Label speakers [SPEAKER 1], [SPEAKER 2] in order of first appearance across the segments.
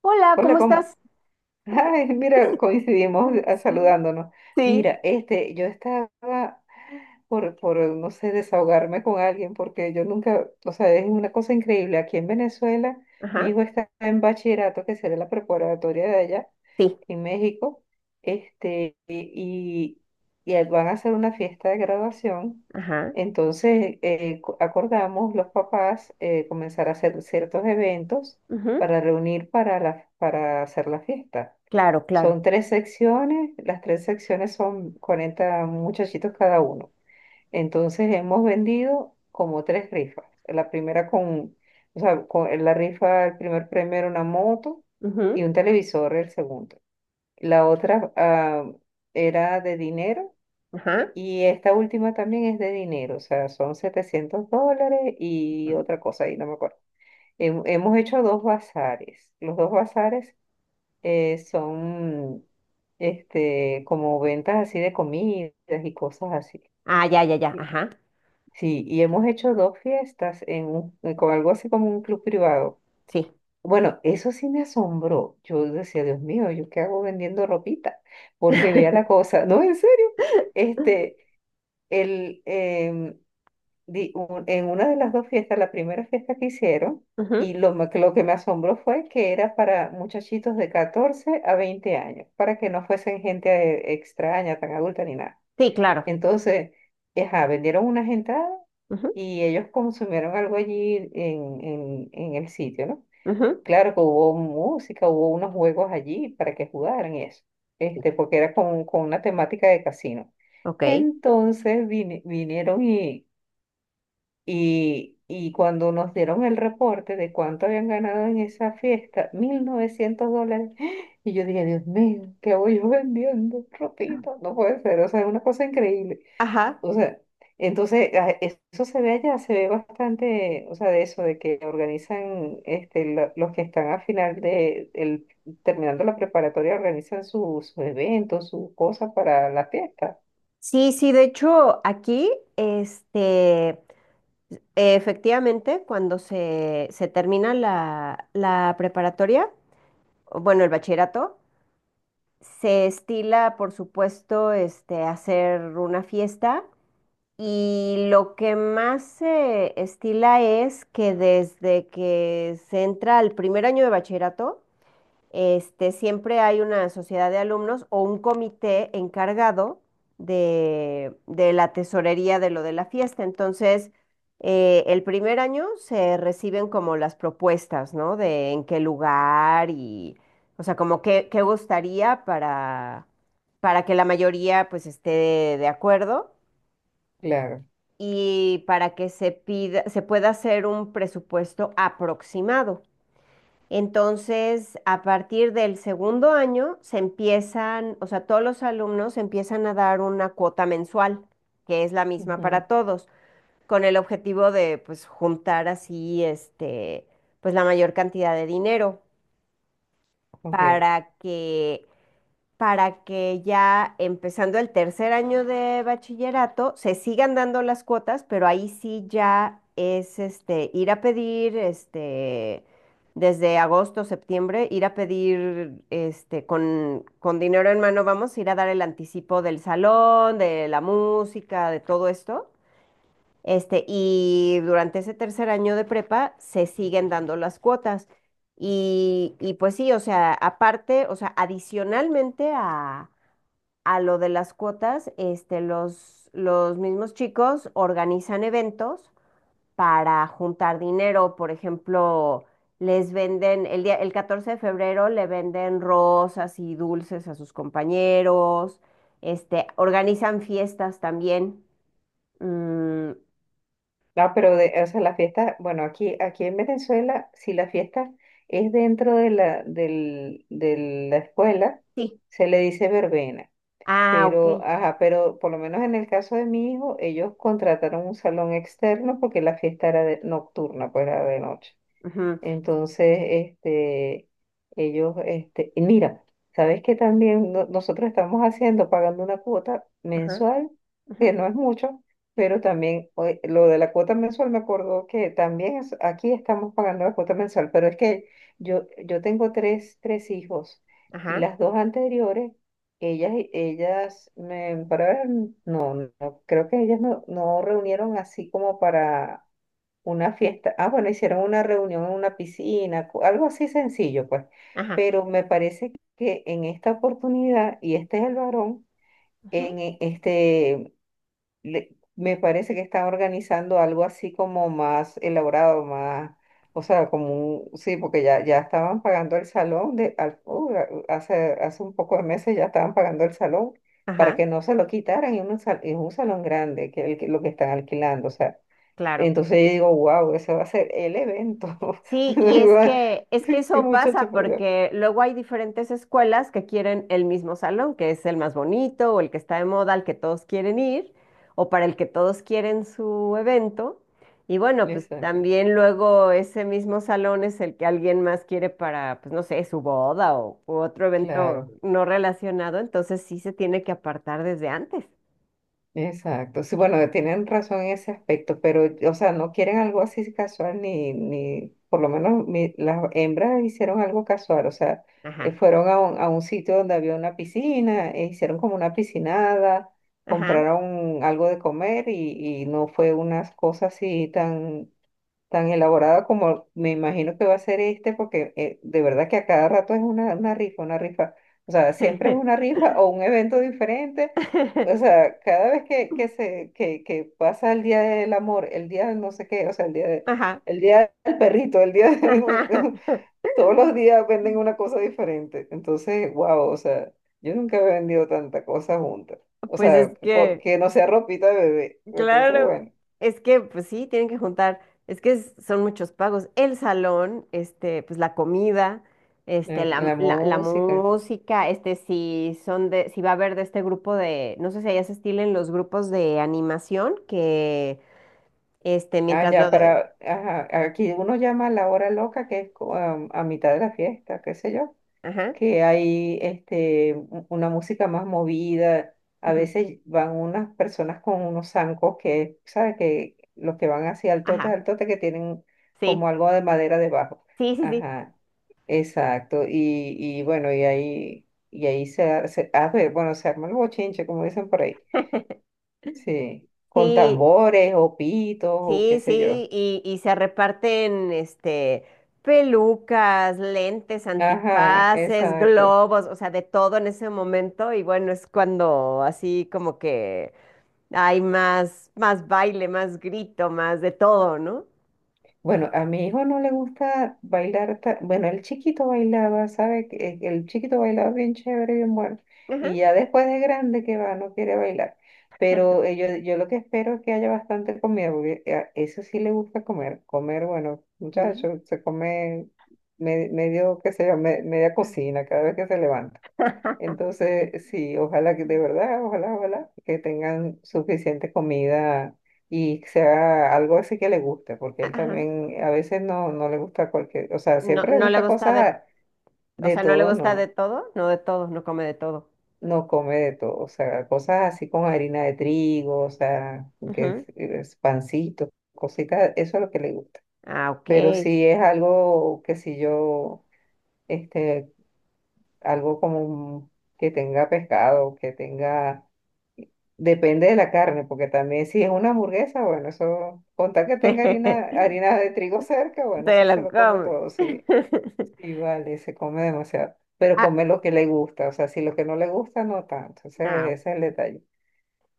[SPEAKER 1] Hola,
[SPEAKER 2] Hola,
[SPEAKER 1] ¿cómo estás?
[SPEAKER 2] ay, mira, coincidimos
[SPEAKER 1] Sí.
[SPEAKER 2] saludándonos.
[SPEAKER 1] Sí.
[SPEAKER 2] Mira, este, yo estaba no sé, desahogarme con alguien, porque yo nunca, o sea, es una cosa increíble. Aquí en Venezuela, mi
[SPEAKER 1] Ajá.
[SPEAKER 2] hijo está en bachillerato, que será la preparatoria de allá,
[SPEAKER 1] Sí.
[SPEAKER 2] en México, este, y van a hacer una fiesta de graduación.
[SPEAKER 1] Ajá.
[SPEAKER 2] Entonces, acordamos los papás comenzar a hacer ciertos eventos
[SPEAKER 1] Ujú.
[SPEAKER 2] para reunir para, la, para hacer la fiesta.
[SPEAKER 1] Claro, claro.
[SPEAKER 2] Son tres secciones, las tres secciones son 40 muchachitos cada uno. Entonces, hemos vendido como tres rifas. La primera con, o sea, con la rifa, el primer premio era una moto y
[SPEAKER 1] Ujú.
[SPEAKER 2] un televisor el segundo. La otra era de dinero,
[SPEAKER 1] Ajá.
[SPEAKER 2] y esta última también es de dinero, o sea, son $700
[SPEAKER 1] Ajá.
[SPEAKER 2] y otra cosa, ahí no me acuerdo. Hemos hecho dos bazares. Los dos bazares son este, como ventas así de comidas y cosas así.
[SPEAKER 1] Ah, ya, ya, ya.
[SPEAKER 2] Y-
[SPEAKER 1] Ajá.
[SPEAKER 2] Sí, y hemos hecho dos fiestas en con algo así como un club privado.
[SPEAKER 1] Sí.
[SPEAKER 2] Bueno, eso sí me asombró. Yo decía, Dios mío, ¿yo qué hago vendiendo ropita? Porque vea la cosa, no, en serio. Este, el, em, di- un- en una de las dos fiestas, la primera fiesta que hicieron,
[SPEAKER 1] Ujú.
[SPEAKER 2] que lo que me asombró fue que era para muchachitos de 14 a 20 años, para que no fuesen gente extraña, tan adulta ni nada.
[SPEAKER 1] Sí, claro.
[SPEAKER 2] Entonces, ajá, vendieron una gentada y ellos consumieron algo allí en, en el sitio, ¿no?
[SPEAKER 1] Ujú. Ujú.
[SPEAKER 2] Claro que hubo música, hubo unos juegos allí para que jugaran y eso, este, porque era con una temática de casino.
[SPEAKER 1] Ok.
[SPEAKER 2] Entonces vinieron y, y cuando nos dieron el reporte de cuánto habían ganado en esa fiesta, $1,900, y yo dije, Dios mío, ¿qué voy yo vendiendo? Ropita, no puede ser, o sea, es una cosa increíble.
[SPEAKER 1] Ajá.
[SPEAKER 2] O sea, entonces eso se ve allá, se ve bastante, o sea, de eso, de que organizan, este, los que están al final de, el, terminando la preparatoria, organizan sus eventos, sus cosas para la fiesta.
[SPEAKER 1] Sí, sí, de hecho, aquí, efectivamente, cuando se termina la preparatoria, o bueno, el bachillerato, se estila, por supuesto, este, hacer una fiesta. Y lo que más se estila es que desde que se entra al primer año de bachillerato, este, siempre hay una sociedad de alumnos o un comité encargado de la tesorería de lo de la fiesta. Entonces, el primer año se reciben como las propuestas, ¿no? De en qué lugar y, o sea, qué gustaría para que la mayoría pues esté de acuerdo
[SPEAKER 2] Claro.
[SPEAKER 1] y para que se pida, se pueda hacer un presupuesto aproximado. Entonces, a partir del segundo año se empiezan, o sea, todos los alumnos empiezan a dar una cuota mensual, que es la misma
[SPEAKER 2] Ujú,
[SPEAKER 1] para todos, con el objetivo de pues juntar así este pues la mayor cantidad de dinero
[SPEAKER 2] ok.
[SPEAKER 1] para que para que ya empezando el tercer año de bachillerato se sigan dando las cuotas, pero ahí sí ya es este ir a pedir este desde agosto, septiembre, ir a pedir este con dinero en mano, vamos, ir a dar el anticipo del salón, de la música, de todo esto. Este, y durante ese tercer año de prepa se siguen dando las cuotas. Y pues sí, o sea, aparte, o sea, adicionalmente a lo de las cuotas, este, los mismos chicos organizan eventos para juntar dinero. Por ejemplo, les venden, el 14 de febrero le venden rosas y dulces a sus compañeros. Este, organizan fiestas también. Mm,
[SPEAKER 2] No, pero de, o sea, la fiesta, bueno, aquí, aquí en Venezuela, si la fiesta es dentro de la, del, de la escuela,
[SPEAKER 1] sí.
[SPEAKER 2] se le dice verbena.
[SPEAKER 1] Ah,
[SPEAKER 2] Pero,
[SPEAKER 1] ok.
[SPEAKER 2] ajá, pero por lo menos en el caso de mi hijo, ellos contrataron un salón externo porque la fiesta era nocturna, pues era de noche.
[SPEAKER 1] Ujú.
[SPEAKER 2] Entonces, este, ellos, este, y mira, ¿sabes que también nosotros estamos haciendo, pagando una cuota
[SPEAKER 1] Ajá.
[SPEAKER 2] mensual, que
[SPEAKER 1] Ujú.
[SPEAKER 2] no es mucho, pero también oye, lo de la cuota mensual me acordó que también aquí estamos pagando la cuota mensual, pero es que yo tengo tres hijos y
[SPEAKER 1] Ajá.
[SPEAKER 2] las dos anteriores, ellas, me, para ver, no, no, creo que ellas no reunieron así como para una fiesta. Ah, bueno, hicieron una reunión en una piscina, algo así sencillo, pues.
[SPEAKER 1] Ajá.
[SPEAKER 2] Pero me parece que en esta oportunidad, y este es el varón,
[SPEAKER 1] Ujú.
[SPEAKER 2] en este, me parece que está organizando algo así como más elaborado, más, o sea, como un, sí, porque ya, ya estaban pagando el salón de, hace, hace un poco de meses ya estaban pagando el salón para
[SPEAKER 1] Ajá,
[SPEAKER 2] que no se lo quitaran, y un es un salón grande, que, lo que están alquilando, o sea.
[SPEAKER 1] claro.
[SPEAKER 2] Entonces yo digo, wow, ese va a ser el evento.
[SPEAKER 1] Sí, y es
[SPEAKER 2] Sí,
[SPEAKER 1] que eso pasa
[SPEAKER 2] muchacho, por Dios.
[SPEAKER 1] porque luego hay diferentes escuelas que quieren el mismo salón, que es el más bonito o el que está de moda, al que todos quieren ir o para el que todos quieren su evento. Y bueno, pues
[SPEAKER 2] Exacto,
[SPEAKER 1] también luego ese mismo salón es el que alguien más quiere para, pues no sé, su boda o u otro evento
[SPEAKER 2] claro,
[SPEAKER 1] no relacionado, entonces sí se tiene que apartar desde antes.
[SPEAKER 2] exacto. Sí, bueno, tienen razón en ese aspecto, pero, o sea, no quieren algo así casual, ni, ni, por lo menos las hembras hicieron algo casual, o sea,
[SPEAKER 1] Ajá,
[SPEAKER 2] fueron a un sitio donde había una piscina, e hicieron como una piscinada,
[SPEAKER 1] ajá.
[SPEAKER 2] compraron algo de comer y no fue una cosa así tan tan elaborada como me imagino que va a ser este, porque de verdad que a cada rato es una rifa, una rifa. O sea, siempre es una rifa o un evento diferente. O sea, cada vez que pasa el día del amor, el día del no sé qué, o sea, el día
[SPEAKER 1] Ajá.
[SPEAKER 2] el día del perrito, el día de- todos los días venden una cosa diferente. Entonces, wow, o sea, yo nunca he vendido tanta cosa junta. O
[SPEAKER 1] Pues
[SPEAKER 2] sea,
[SPEAKER 1] es que
[SPEAKER 2] que no sea ropita de bebé. Entonces,
[SPEAKER 1] claro,
[SPEAKER 2] bueno,
[SPEAKER 1] es que pues sí, tienen que juntar, es que son muchos pagos, el salón, este, pues la comida, este,
[SPEAKER 2] la la
[SPEAKER 1] la
[SPEAKER 2] música.
[SPEAKER 1] música, este, si son de, si va a haber de este grupo de, no sé si allá se estilen los grupos de animación que, este,
[SPEAKER 2] Ah,
[SPEAKER 1] mientras lo
[SPEAKER 2] ya,
[SPEAKER 1] de,
[SPEAKER 2] para, ajá, aquí uno llama a la hora loca, que es a mitad de la fiesta, qué sé yo,
[SPEAKER 1] ajá,
[SPEAKER 2] que hay este, una música más movida, a
[SPEAKER 1] ujú,
[SPEAKER 2] veces van unas personas con unos zancos que, ¿sabes? Que los que van hacia el tote,
[SPEAKER 1] ajá,
[SPEAKER 2] al tote, que tienen
[SPEAKER 1] sí,
[SPEAKER 2] como algo de madera debajo.
[SPEAKER 1] sí, sí, sí,
[SPEAKER 2] Ajá, exacto, y bueno, y ahí a ver, bueno, se arma el bochinche, como dicen por ahí, sí, con
[SPEAKER 1] sí.
[SPEAKER 2] tambores o pitos o qué
[SPEAKER 1] Sí,
[SPEAKER 2] sé yo.
[SPEAKER 1] sí, y se reparten este pelucas, lentes,
[SPEAKER 2] Ajá,
[SPEAKER 1] antifaces,
[SPEAKER 2] exacto.
[SPEAKER 1] globos, o sea, de todo en ese momento. Y bueno, es cuando así como que hay más, más baile, más grito, más de todo, ¿no?
[SPEAKER 2] Bueno, a mi hijo no le gusta bailar, bueno, el chiquito bailaba, ¿sabe? Que el chiquito bailaba bien chévere, bien bueno.
[SPEAKER 1] Ajá.
[SPEAKER 2] Y ya después de grande que va, no quiere bailar. Pero yo, yo lo que espero es que haya bastante comida, porque eso sí le gusta comer. Comer, bueno,
[SPEAKER 1] Mm.
[SPEAKER 2] muchachos, se come medio, qué sé yo, media cocina cada vez que se levanta. Entonces, sí, ojalá que de verdad, ojalá, ojalá que tengan suficiente comida y que sea algo así que le guste, porque él
[SPEAKER 1] Ajá.
[SPEAKER 2] también a veces no, no le gusta cualquier, o sea,
[SPEAKER 1] No,
[SPEAKER 2] siempre le
[SPEAKER 1] no le
[SPEAKER 2] gusta
[SPEAKER 1] gusta de,
[SPEAKER 2] cosas
[SPEAKER 1] o
[SPEAKER 2] de
[SPEAKER 1] sea, no le
[SPEAKER 2] todo,
[SPEAKER 1] gusta
[SPEAKER 2] no,
[SPEAKER 1] de todo, no come de todo.
[SPEAKER 2] no come de todo, o sea, cosas así con harina de trigo, o sea, que es,
[SPEAKER 1] Ujú.
[SPEAKER 2] es pancito, cositas, eso es lo que le gusta.
[SPEAKER 1] Ah, ok.
[SPEAKER 2] Pero si es algo que si yo, este, algo como un- que tenga pescado, que tenga depende de la carne, porque también si es una hamburguesa, bueno, eso, contar que tenga harina,
[SPEAKER 1] Se
[SPEAKER 2] harina de trigo cerca, bueno, eso se
[SPEAKER 1] lo
[SPEAKER 2] lo come
[SPEAKER 1] come.
[SPEAKER 2] todo, sí, sí, vale, se come demasiado, pero
[SPEAKER 1] Ah,
[SPEAKER 2] come lo que le gusta, o sea, si lo que no le gusta, no tanto, ese,
[SPEAKER 1] ah.
[SPEAKER 2] ese es el detalle.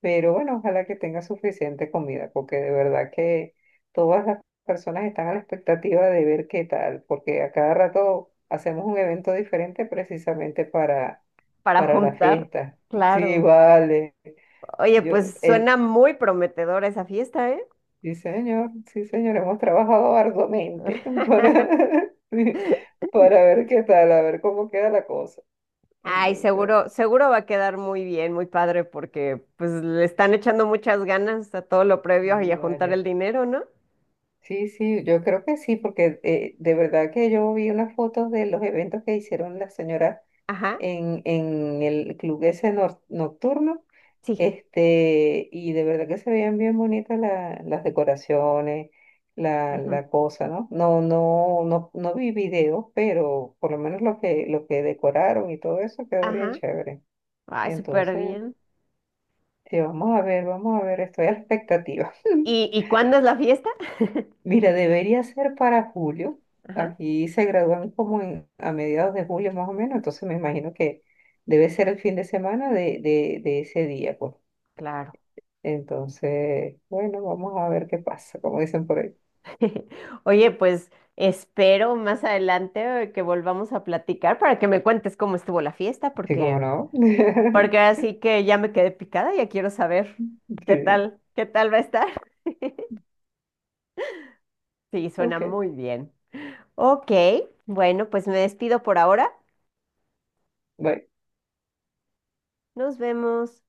[SPEAKER 2] Pero bueno, ojalá que tenga suficiente comida, porque de verdad que todas las personas están a la expectativa de ver qué tal, porque a cada rato hacemos un evento diferente precisamente
[SPEAKER 1] Para
[SPEAKER 2] para la
[SPEAKER 1] juntar,
[SPEAKER 2] fiesta. Sí,
[SPEAKER 1] claro.
[SPEAKER 2] vale.
[SPEAKER 1] Oye,
[SPEAKER 2] Yo,
[SPEAKER 1] pues
[SPEAKER 2] el,
[SPEAKER 1] suena muy prometedora esa fiesta, ¿eh?
[SPEAKER 2] sí, señor, sí, señor, hemos trabajado arduamente para, sí, para ver qué tal, a ver cómo queda la cosa.
[SPEAKER 1] Ay,
[SPEAKER 2] Entonces,
[SPEAKER 1] seguro, seguro va a quedar muy bien, muy padre, porque pues le están echando muchas ganas a todo lo previo y
[SPEAKER 2] sí
[SPEAKER 1] a juntar
[SPEAKER 2] vale.
[SPEAKER 1] el dinero, ¿no?
[SPEAKER 2] Sí, sí, yo creo que sí, porque de verdad que yo vi unas fotos de los eventos que hicieron las señoras
[SPEAKER 1] Ajá,
[SPEAKER 2] en el club ese nocturno,
[SPEAKER 1] sí.
[SPEAKER 2] este, y de verdad que se veían bien bonitas las decoraciones, la,
[SPEAKER 1] Ujú.
[SPEAKER 2] la cosa, ¿no? No vi videos, pero por lo menos lo que decoraron y todo eso quedó bien
[SPEAKER 1] Ajá.
[SPEAKER 2] chévere.
[SPEAKER 1] Ay, súper
[SPEAKER 2] Entonces,
[SPEAKER 1] bien.
[SPEAKER 2] sí, vamos a ver, estoy a la expectativa.
[SPEAKER 1] Y cuándo es la fiesta?
[SPEAKER 2] Mira, debería ser para julio.
[SPEAKER 1] Ajá,
[SPEAKER 2] Aquí se gradúan como a mediados de julio más o menos, entonces me imagino que debe ser el fin de semana de ese día, pues.
[SPEAKER 1] claro.
[SPEAKER 2] Entonces, bueno, vamos a ver qué pasa, como dicen por ahí.
[SPEAKER 1] Oye, pues espero más adelante que volvamos a platicar para que me cuentes cómo estuvo la fiesta,
[SPEAKER 2] Sí, como
[SPEAKER 1] porque
[SPEAKER 2] no.
[SPEAKER 1] porque así que ya me quedé picada, ya quiero saber
[SPEAKER 2] Sí,
[SPEAKER 1] qué tal va a estar. Sí, suena
[SPEAKER 2] ok.
[SPEAKER 1] muy bien. Ok, bueno, pues me despido por ahora.
[SPEAKER 2] Bye.
[SPEAKER 1] Nos vemos.